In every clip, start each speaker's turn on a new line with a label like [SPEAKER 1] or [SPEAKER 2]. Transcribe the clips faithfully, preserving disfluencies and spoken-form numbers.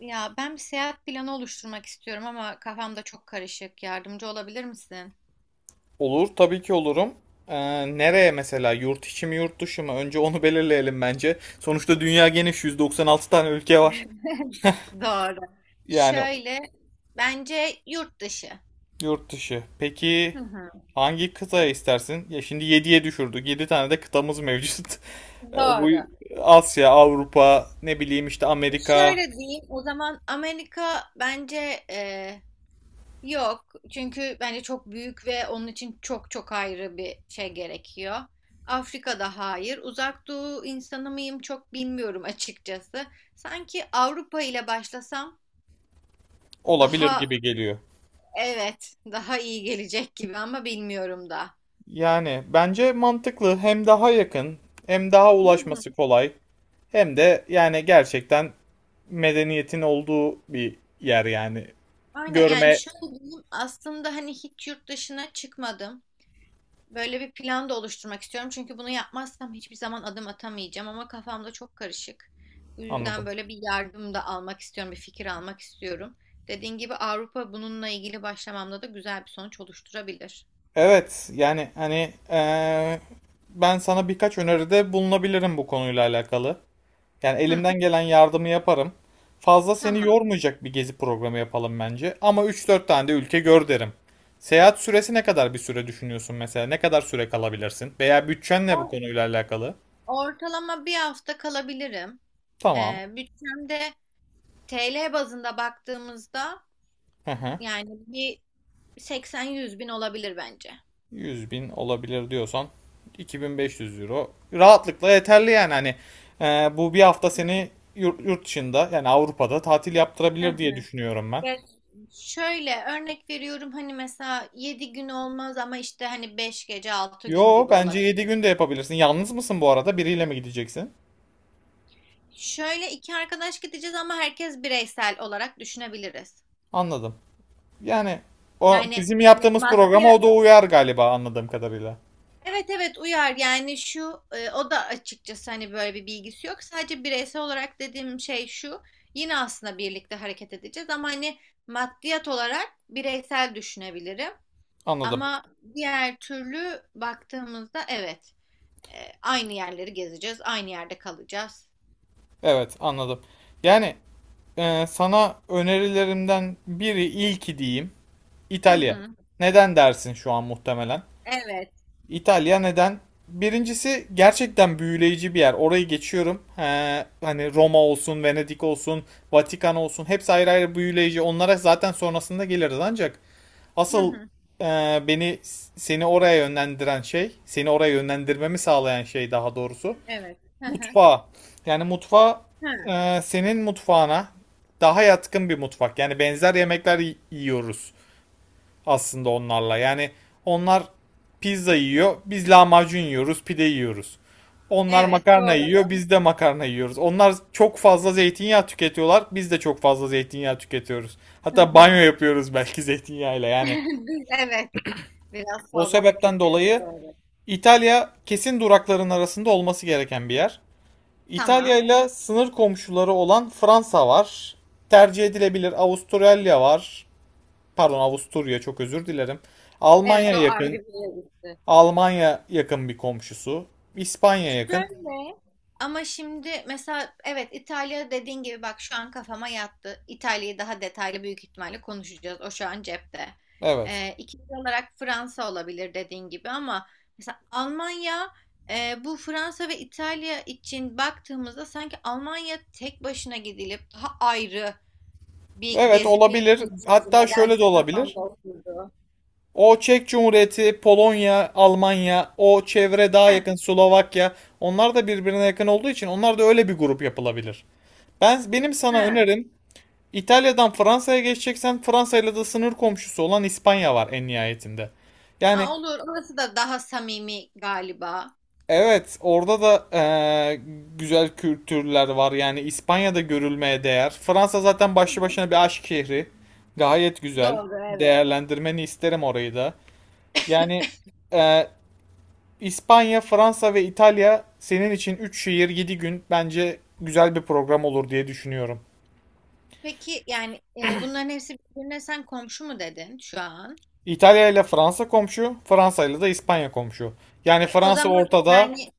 [SPEAKER 1] Ya ben bir seyahat planı oluşturmak istiyorum ama kafamda çok karışık. Yardımcı olabilir misin?
[SPEAKER 2] Olur tabii ki olurum. Ee, nereye mesela? Yurt içi mi yurt dışı mı? Önce onu belirleyelim bence. Sonuçta dünya geniş yüz doksan altı tane ülke var.
[SPEAKER 1] Doğru.
[SPEAKER 2] Yani
[SPEAKER 1] Şöyle bence yurt dışı.
[SPEAKER 2] yurt dışı. Peki
[SPEAKER 1] Hı hı.
[SPEAKER 2] hangi kıtaya istersin? Ya şimdi yediye düşürdük. yedi tane de kıtamız mevcut. Ee, bu
[SPEAKER 1] Doğru.
[SPEAKER 2] Asya, Avrupa, ne bileyim işte Amerika
[SPEAKER 1] Şöyle diyeyim o zaman Amerika bence e, yok. Çünkü bence çok büyük ve onun için çok çok ayrı bir şey gerekiyor. Afrika'da hayır. Uzak Doğu insanı mıyım çok bilmiyorum açıkçası. Sanki Avrupa ile başlasam
[SPEAKER 2] olabilir
[SPEAKER 1] daha,
[SPEAKER 2] gibi geliyor.
[SPEAKER 1] evet, daha iyi gelecek gibi ama bilmiyorum da.
[SPEAKER 2] Yani bence mantıklı. Hem daha yakın, hem daha
[SPEAKER 1] Hı hı.
[SPEAKER 2] ulaşması kolay, hem de yani gerçekten medeniyetin olduğu bir yer yani.
[SPEAKER 1] Aynen, yani
[SPEAKER 2] Görme
[SPEAKER 1] şöyle diyeyim, aslında hani hiç yurt dışına çıkmadım. Böyle bir plan da oluşturmak istiyorum. Çünkü bunu yapmazsam hiçbir zaman adım atamayacağım ama kafamda çok karışık. Bu yüzden
[SPEAKER 2] anladım.
[SPEAKER 1] böyle bir yardım da almak istiyorum, bir fikir almak istiyorum. Dediğin gibi Avrupa bununla ilgili başlamamda da güzel bir sonuç oluşturabilir.
[SPEAKER 2] Evet yani hani eee, ben sana birkaç öneride bulunabilirim bu konuyla alakalı. Yani
[SPEAKER 1] Hı,
[SPEAKER 2] elimden gelen yardımı yaparım. Fazla seni
[SPEAKER 1] tamam.
[SPEAKER 2] yormayacak bir gezi programı yapalım bence. Ama üç dört tane de ülke gör derim. Seyahat süresi ne kadar bir süre düşünüyorsun mesela? Ne kadar süre kalabilirsin? Veya bütçen ne bu
[SPEAKER 1] Or-
[SPEAKER 2] konuyla alakalı?
[SPEAKER 1] Ortalama bir hafta kalabilirim.
[SPEAKER 2] Tamam.
[SPEAKER 1] Ee, bütçemde T L bazında baktığımızda,
[SPEAKER 2] Hı hı.
[SPEAKER 1] yani bir, seksen yüz bin olabilir bence.
[SPEAKER 2] yüz bin olabilir diyorsan iki bin beş yüz euro rahatlıkla yeterli yani hani e, bu bir hafta seni yurt dışında yani Avrupa'da tatil
[SPEAKER 1] Hı
[SPEAKER 2] yaptırabilir diye
[SPEAKER 1] hı.
[SPEAKER 2] düşünüyorum ben.
[SPEAKER 1] Ya, şöyle örnek veriyorum, hani mesela yedi gün olmaz ama işte hani beş gece altı gün
[SPEAKER 2] Yo
[SPEAKER 1] gibi
[SPEAKER 2] bence yedi
[SPEAKER 1] olabilir.
[SPEAKER 2] gün de yapabilirsin. Yalnız mısın bu arada? Biriyle mi gideceksin?
[SPEAKER 1] Şöyle iki arkadaş gideceğiz ama herkes bireysel olarak düşünebiliriz.
[SPEAKER 2] Anladım. Yani o
[SPEAKER 1] Yani,
[SPEAKER 2] bizim
[SPEAKER 1] hani
[SPEAKER 2] yaptığımız
[SPEAKER 1] maddi,
[SPEAKER 2] programa o da uyar galiba anladığım kadarıyla.
[SPEAKER 1] evet evet, uyar yani. Şu e, o da açıkçası hani böyle bir bilgisi yok. Sadece bireysel olarak dediğim şey şu: yine aslında birlikte hareket edeceğiz ama hani maddiyat olarak bireysel düşünebilirim.
[SPEAKER 2] Anladım.
[SPEAKER 1] Ama diğer türlü baktığımızda, evet, e, aynı yerleri gezeceğiz, aynı yerde kalacağız.
[SPEAKER 2] Evet, anladım. Yani e, sana önerilerimden biri ilki diyeyim
[SPEAKER 1] Hı
[SPEAKER 2] İtalya.
[SPEAKER 1] hı.
[SPEAKER 2] Neden dersin şu an muhtemelen?
[SPEAKER 1] Evet.
[SPEAKER 2] İtalya neden? Birincisi gerçekten büyüleyici bir yer. Orayı geçiyorum. He, hani Roma olsun, Venedik olsun, Vatikan olsun hepsi ayrı ayrı büyüleyici. Onlara zaten sonrasında geliriz ancak
[SPEAKER 1] Hı
[SPEAKER 2] asıl
[SPEAKER 1] hı.
[SPEAKER 2] e, beni seni oraya yönlendiren şey, seni oraya yönlendirmemi sağlayan şey daha doğrusu
[SPEAKER 1] Evet. Hı hı.
[SPEAKER 2] mutfağı. Yani mutfağı
[SPEAKER 1] Hı.
[SPEAKER 2] e, senin mutfağına daha yatkın bir mutfak. Yani benzer yemekler y- yiyoruz aslında onlarla. Yani onlar pizza yiyor, biz lahmacun yiyoruz, pide yiyoruz. Onlar
[SPEAKER 1] Evet,
[SPEAKER 2] makarna yiyor,
[SPEAKER 1] doğru.
[SPEAKER 2] biz de makarna yiyoruz. Onlar çok fazla zeytinyağı tüketiyorlar, biz de çok fazla zeytinyağı tüketiyoruz.
[SPEAKER 1] Hı
[SPEAKER 2] Hatta banyo
[SPEAKER 1] hı.
[SPEAKER 2] yapıyoruz belki zeytinyağıyla yani.
[SPEAKER 1] Biz- Evet. Biraz
[SPEAKER 2] O
[SPEAKER 1] fazla
[SPEAKER 2] sebepten
[SPEAKER 1] tüketiyoruz.
[SPEAKER 2] dolayı
[SPEAKER 1] Doğru.
[SPEAKER 2] İtalya kesin durakların arasında olması gereken bir yer. İtalya
[SPEAKER 1] Tamam.
[SPEAKER 2] ile sınır komşuları olan Fransa var. Tercih edilebilir Avustralya var. Pardon Avusturya çok özür dilerim.
[SPEAKER 1] Evet,
[SPEAKER 2] Almanya
[SPEAKER 1] o ayrı bir
[SPEAKER 2] yakın,
[SPEAKER 1] yere gitti.
[SPEAKER 2] Almanya yakın bir komşusu. İspanya yakın.
[SPEAKER 1] Şöyle, ama şimdi mesela, evet, İtalya dediğin gibi, bak şu an kafama yattı. İtalya'yı daha detaylı büyük ihtimalle konuşacağız. O şu an cepte.
[SPEAKER 2] Evet.
[SPEAKER 1] Ee, ikinci olarak Fransa olabilir dediğin gibi ama, mesela, Almanya, e, bu Fransa ve İtalya için baktığımızda sanki Almanya tek başına gidilip daha ayrı bir
[SPEAKER 2] Evet
[SPEAKER 1] gezi
[SPEAKER 2] olabilir.
[SPEAKER 1] planıymış gibi
[SPEAKER 2] Hatta şöyle de
[SPEAKER 1] nedense
[SPEAKER 2] olabilir.
[SPEAKER 1] kafamda oturdu.
[SPEAKER 2] O Çek Cumhuriyeti, Polonya, Almanya, o çevre daha
[SPEAKER 1] Heh,
[SPEAKER 2] yakın Slovakya. Onlar da birbirine yakın olduğu için onlar da öyle bir grup yapılabilir. Ben benim sana
[SPEAKER 1] heh.
[SPEAKER 2] önerim İtalya'dan Fransa'ya geçeceksen Fransa ile de sınır komşusu olan İspanya var en nihayetinde.
[SPEAKER 1] Aa,
[SPEAKER 2] Yani
[SPEAKER 1] olur, orası da daha samimi galiba.
[SPEAKER 2] Evet, orada da eee, güzel kültürler var. Yani İspanya'da görülmeye değer. Fransa zaten başlı başına bir aşk şehri. Gayet güzel.
[SPEAKER 1] Doğru, evet.
[SPEAKER 2] Değerlendirmeni isterim orayı da. Yani eee, İspanya, Fransa ve İtalya senin için üç şehir yedi gün bence güzel bir program olur diye düşünüyorum.
[SPEAKER 1] Peki yani, e, bunların hepsi birbirine sen komşu mu dedin şu an?
[SPEAKER 2] İtalya ile Fransa komşu, Fransa ile de İspanya komşu. Yani
[SPEAKER 1] E, o
[SPEAKER 2] Fransa
[SPEAKER 1] zaman
[SPEAKER 2] ortada.
[SPEAKER 1] yani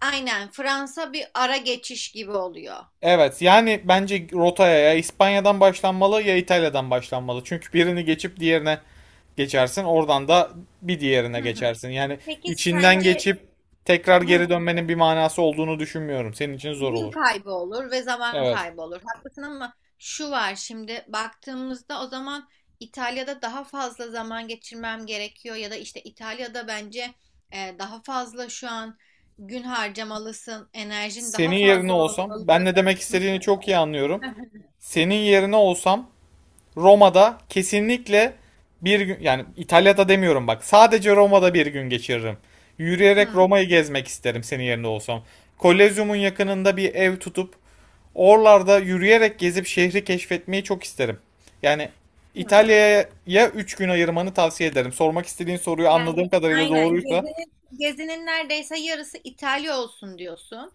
[SPEAKER 1] aynen Fransa bir ara geçiş gibi oluyor.
[SPEAKER 2] Evet yani bence rotaya ya İspanya'dan başlanmalı ya İtalya'dan başlanmalı. Çünkü birini geçip diğerine geçersin. Oradan da bir diğerine
[SPEAKER 1] Hı hı.
[SPEAKER 2] geçersin. Yani
[SPEAKER 1] Peki
[SPEAKER 2] içinden
[SPEAKER 1] sence
[SPEAKER 2] geçip tekrar geri dönmenin bir manası olduğunu düşünmüyorum. Senin için zor
[SPEAKER 1] gün
[SPEAKER 2] olur.
[SPEAKER 1] kaybı olur ve zaman
[SPEAKER 2] Evet.
[SPEAKER 1] kaybı olur. Haklısın. Ama şu var, şimdi baktığımızda, o zaman İtalya'da daha fazla zaman geçirmem gerekiyor, ya da işte İtalya'da bence e, daha fazla şu an gün harcamalısın, enerjin daha
[SPEAKER 2] Senin yerine
[SPEAKER 1] fazla
[SPEAKER 2] olsam
[SPEAKER 1] olmalı.
[SPEAKER 2] ben ne demek
[SPEAKER 1] Hı.
[SPEAKER 2] istediğini çok iyi anlıyorum. Senin yerine olsam Roma'da kesinlikle bir gün yani İtalya'da demiyorum bak sadece Roma'da bir gün geçiririm. Yürüyerek
[SPEAKER 1] Hı.
[SPEAKER 2] Roma'yı gezmek isterim senin yerinde olsam. Kolezyumun yakınında bir ev tutup oralarda yürüyerek gezip şehri keşfetmeyi çok isterim. Yani
[SPEAKER 1] Hı.
[SPEAKER 2] İtalya'ya üç gün ayırmanı tavsiye ederim. Sormak istediğin soruyu anladığım
[SPEAKER 1] Yani
[SPEAKER 2] kadarıyla
[SPEAKER 1] aynen,
[SPEAKER 2] doğruysa
[SPEAKER 1] gezinin, gezinin neredeyse yarısı İtalya olsun diyorsun.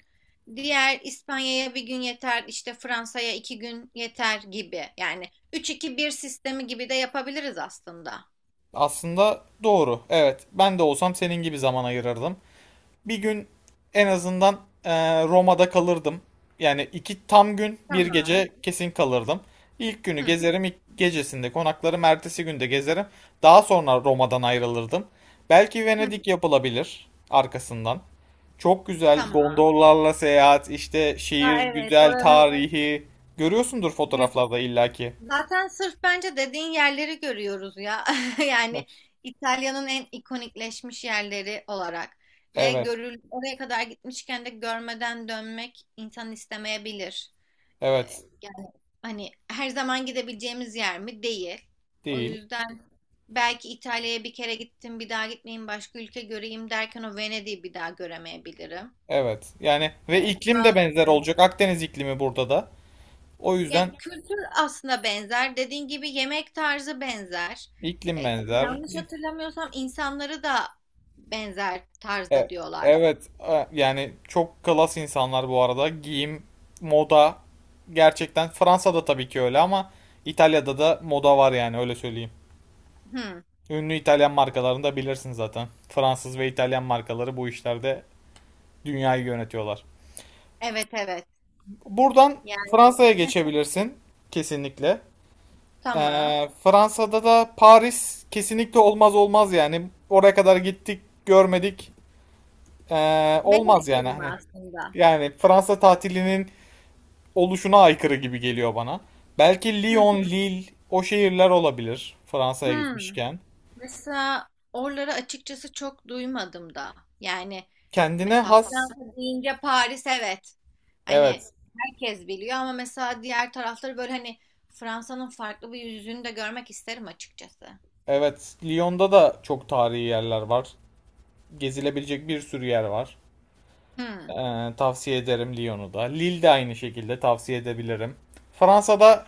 [SPEAKER 1] Diğer, İspanya'ya bir gün yeter, işte Fransa'ya iki gün yeter gibi. Yani üç iki bir sistemi gibi de yapabiliriz aslında.
[SPEAKER 2] aslında doğru. Evet ben de olsam senin gibi zaman ayırırdım. bir gün en azından eee, Roma'da kalırdım. Yani iki tam gün bir
[SPEAKER 1] Tamam.
[SPEAKER 2] gece kesin kalırdım. İlk günü
[SPEAKER 1] Hı,
[SPEAKER 2] gezerim, ilk gecesinde konaklarım, ertesi günde gezerim. Daha sonra Roma'dan ayrılırdım. Belki
[SPEAKER 1] hı,
[SPEAKER 2] Venedik yapılabilir arkasından. Çok güzel
[SPEAKER 1] tamam.
[SPEAKER 2] gondollarla seyahat, işte
[SPEAKER 1] Aa,
[SPEAKER 2] şehir
[SPEAKER 1] evet,
[SPEAKER 2] güzel,
[SPEAKER 1] oranın
[SPEAKER 2] tarihi. Görüyorsundur
[SPEAKER 1] hep.
[SPEAKER 2] fotoğraflarda illaki.
[SPEAKER 1] Zaten sırf bence dediğin yerleri görüyoruz ya. Yani İtalya'nın en ikonikleşmiş yerleri olarak, ve
[SPEAKER 2] Evet,
[SPEAKER 1] görül oraya kadar gitmişken de görmeden dönmek insan istemeyebilir. Ee,
[SPEAKER 2] evet.
[SPEAKER 1] yani hani her zaman gidebileceğimiz yer mi? Değil. O
[SPEAKER 2] Değil.
[SPEAKER 1] yüzden belki İtalya'ya bir kere gittim, bir daha gitmeyeyim, başka ülke göreyim derken, o Venedik'i bir daha göremeyebilirim.
[SPEAKER 2] Evet. Yani ve
[SPEAKER 1] Ee, şu
[SPEAKER 2] iklim de
[SPEAKER 1] an, e,
[SPEAKER 2] benzer olacak. Akdeniz iklimi burada da. O
[SPEAKER 1] Ya
[SPEAKER 2] yüzden
[SPEAKER 1] kültür aslında benzer. Dediğin gibi yemek tarzı benzer. E,
[SPEAKER 2] İklim benzer.
[SPEAKER 1] yanlış hatırlamıyorsam, insanları da benzer tarzda
[SPEAKER 2] E-
[SPEAKER 1] diyorlar.
[SPEAKER 2] evet e, yani çok klas insanlar bu arada. Giyim, moda gerçekten Fransa'da tabii ki öyle ama İtalya'da da moda var yani öyle söyleyeyim.
[SPEAKER 1] Hı,
[SPEAKER 2] Ünlü İtalyan markalarını da bilirsin zaten. Fransız ve İtalyan markaları bu işlerde dünyayı yönetiyorlar.
[SPEAKER 1] evet evet.
[SPEAKER 2] Buradan
[SPEAKER 1] Yani,
[SPEAKER 2] Fransa'ya
[SPEAKER 1] heh,
[SPEAKER 2] geçebilirsin kesinlikle.
[SPEAKER 1] tamam.
[SPEAKER 2] Ee, Fransa'da da Paris kesinlikle olmaz olmaz yani. Oraya kadar gittik, görmedik. Ee, olmaz
[SPEAKER 1] Venedik
[SPEAKER 2] yani
[SPEAKER 1] gibi
[SPEAKER 2] hani.
[SPEAKER 1] aslında?
[SPEAKER 2] Yani Fransa tatilinin oluşuna aykırı gibi geliyor bana. Belki
[SPEAKER 1] Hı
[SPEAKER 2] Lyon,
[SPEAKER 1] hı.
[SPEAKER 2] Lille o şehirler olabilir Fransa'ya
[SPEAKER 1] Hı.
[SPEAKER 2] gitmişken.
[SPEAKER 1] Mesela oraları açıkçası çok duymadım da. Yani
[SPEAKER 2] Kendine
[SPEAKER 1] mesela
[SPEAKER 2] has.
[SPEAKER 1] Fransa deyince Paris, evet. Hani
[SPEAKER 2] Evet.
[SPEAKER 1] herkes biliyor ama mesela diğer tarafları böyle, hani Fransa'nın farklı bir yüzünü de görmek isterim açıkçası.
[SPEAKER 2] Evet. Lyon'da da çok tarihi yerler var. Gezilebilecek bir sürü yer var.
[SPEAKER 1] Hmm.
[SPEAKER 2] Ee, tavsiye ederim Lyon'u da. Lille de aynı şekilde tavsiye edebilirim. Fransa'da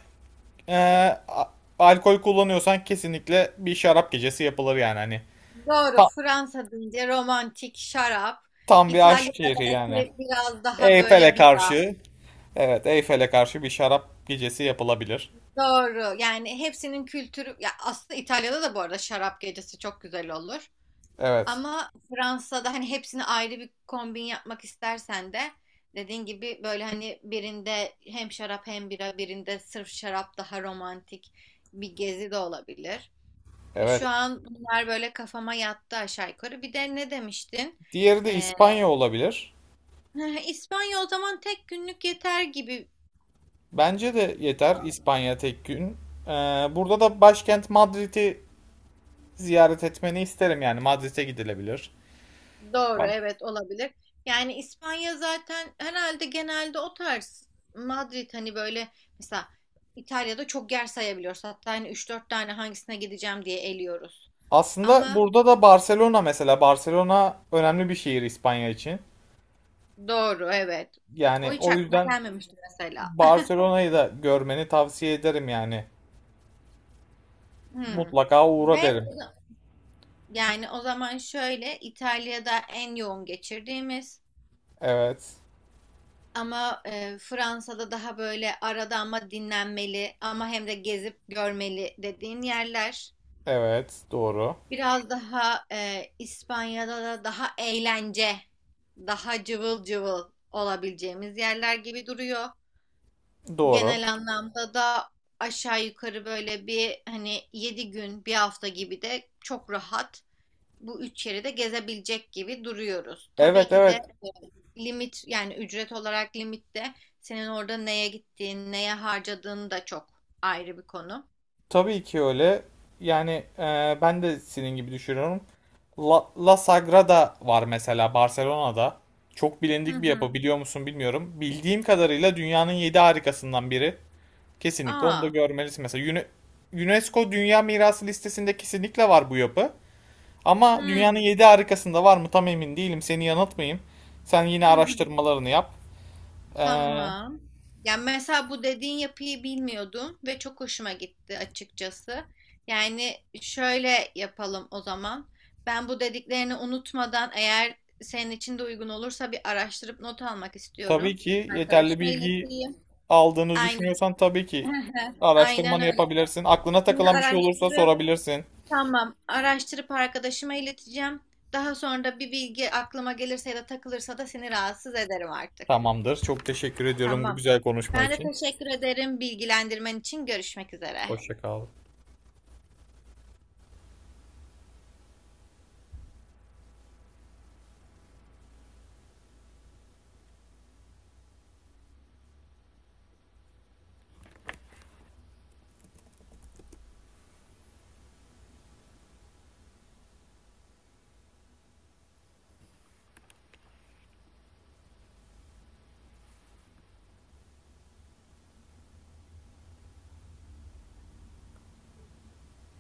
[SPEAKER 2] ee, a- alkol kullanıyorsan kesinlikle bir şarap gecesi yapılır yani hani.
[SPEAKER 1] Doğru,
[SPEAKER 2] Ta-
[SPEAKER 1] Fransa deyince romantik şarap.
[SPEAKER 2] tam bir aşk
[SPEAKER 1] İtalya'da
[SPEAKER 2] şehri yani.
[SPEAKER 1] belki biraz daha böyle
[SPEAKER 2] Eyfel'e
[SPEAKER 1] bira.
[SPEAKER 2] karşı, evet Eyfel'e karşı bir şarap gecesi yapılabilir.
[SPEAKER 1] Doğru. Yani hepsinin kültürü ya, aslında İtalya'da da bu arada şarap gecesi çok güzel olur.
[SPEAKER 2] Evet,
[SPEAKER 1] Ama Fransa'da hani hepsini ayrı bir kombin yapmak istersen de, dediğin gibi böyle, hani birinde hem şarap hem bira, birinde sırf şarap, daha romantik bir gezi de olabilir. E,
[SPEAKER 2] evet.
[SPEAKER 1] Şu an bunlar böyle kafama yattı aşağı yukarı. Bir de ne demiştin?
[SPEAKER 2] Diğeri de
[SPEAKER 1] E,
[SPEAKER 2] İspanya olabilir.
[SPEAKER 1] İspanya o zaman tek günlük yeter gibi.
[SPEAKER 2] Bence de yeter İspanya tek gün. Ee, burada da başkent Madrid'i ziyaret etmeni isterim yani Madrid'e gidilebilir.
[SPEAKER 1] Doğru,
[SPEAKER 2] Bak.
[SPEAKER 1] evet, olabilir. Yani İspanya zaten herhalde genelde o tarz. Madrid hani böyle, mesela İtalya'da çok yer sayabiliyoruz. Hatta hani üç dört tane hangisine gideceğim diye eliyoruz.
[SPEAKER 2] Aslında
[SPEAKER 1] Ama
[SPEAKER 2] burada da Barcelona mesela Barcelona önemli bir şehir İspanya için.
[SPEAKER 1] doğru, evet. O
[SPEAKER 2] Yani
[SPEAKER 1] hiç
[SPEAKER 2] o
[SPEAKER 1] aklıma
[SPEAKER 2] yüzden
[SPEAKER 1] gelmemişti mesela.
[SPEAKER 2] Barcelona'yı da görmeni tavsiye ederim yani.
[SPEAKER 1] Hmm.
[SPEAKER 2] Mutlaka
[SPEAKER 1] Ve
[SPEAKER 2] uğra derim.
[SPEAKER 1] o za- yani o zaman şöyle, İtalya'da en yoğun geçirdiğimiz,
[SPEAKER 2] Evet,
[SPEAKER 1] ama e, Fransa'da daha böyle, arada ama dinlenmeli, ama hem de gezip görmeli dediğin yerler.
[SPEAKER 2] evet, doğru.
[SPEAKER 1] Biraz daha e, İspanya'da da daha eğlence, daha cıvıl cıvıl olabileceğimiz yerler gibi duruyor.
[SPEAKER 2] Doğru.
[SPEAKER 1] Genel anlamda da aşağı yukarı böyle bir, hani yedi gün, bir hafta gibi de çok rahat bu üç yeri de gezebilecek gibi duruyoruz. Tabii
[SPEAKER 2] Evet
[SPEAKER 1] ki de
[SPEAKER 2] evet
[SPEAKER 1] e, limit, yani ücret olarak limitte senin orada neye gittiğin, neye harcadığın da çok ayrı bir konu.
[SPEAKER 2] tabii ki öyle. Yani e, ben de senin gibi düşünüyorum. La, La Sagrada var mesela Barcelona'da. Çok
[SPEAKER 1] Hı
[SPEAKER 2] bilindik bir yapı
[SPEAKER 1] hı.
[SPEAKER 2] biliyor musun bilmiyorum. Bildiğim kadarıyla dünyanın yedi harikasından biri. Kesinlikle onu da
[SPEAKER 1] Aa.
[SPEAKER 2] görmelisin. Mesela Uni- UNESCO Dünya Mirası listesinde kesinlikle var bu yapı. Ama dünyanın
[SPEAKER 1] Hı
[SPEAKER 2] yedi harikasında var mı tam emin değilim. Seni yanıltmayayım. Sen yine
[SPEAKER 1] hı. Hı.
[SPEAKER 2] araştırmalarını yap. E,
[SPEAKER 1] Tamam. Yani mesela bu dediğin yapıyı bilmiyordum ve çok hoşuma gitti açıkçası. Yani şöyle yapalım o zaman. Ben bu dediklerini unutmadan, eğer senin için de uygun olursa, bir araştırıp not almak
[SPEAKER 2] Tabii
[SPEAKER 1] istiyorum.
[SPEAKER 2] ki yeterli
[SPEAKER 1] Arkadaşıma
[SPEAKER 2] bilgiyi
[SPEAKER 1] ileteyim.
[SPEAKER 2] aldığını
[SPEAKER 1] Aynen.
[SPEAKER 2] düşünüyorsan tabii ki
[SPEAKER 1] Aynen
[SPEAKER 2] araştırmanı
[SPEAKER 1] öyle.
[SPEAKER 2] yapabilirsin. Aklına
[SPEAKER 1] Şimdi
[SPEAKER 2] takılan bir şey olursa
[SPEAKER 1] araştırıp,
[SPEAKER 2] sorabilirsin.
[SPEAKER 1] tamam, araştırıp arkadaşıma ileteceğim. Daha sonra da bir bilgi aklıma gelirse ya da takılırsa da seni rahatsız ederim artık.
[SPEAKER 2] Tamamdır. Çok teşekkür ediyorum bu
[SPEAKER 1] Tamam.
[SPEAKER 2] güzel konuşma
[SPEAKER 1] Ben de
[SPEAKER 2] için.
[SPEAKER 1] teşekkür ederim bilgilendirmen için. Görüşmek üzere.
[SPEAKER 2] Hoşça kal.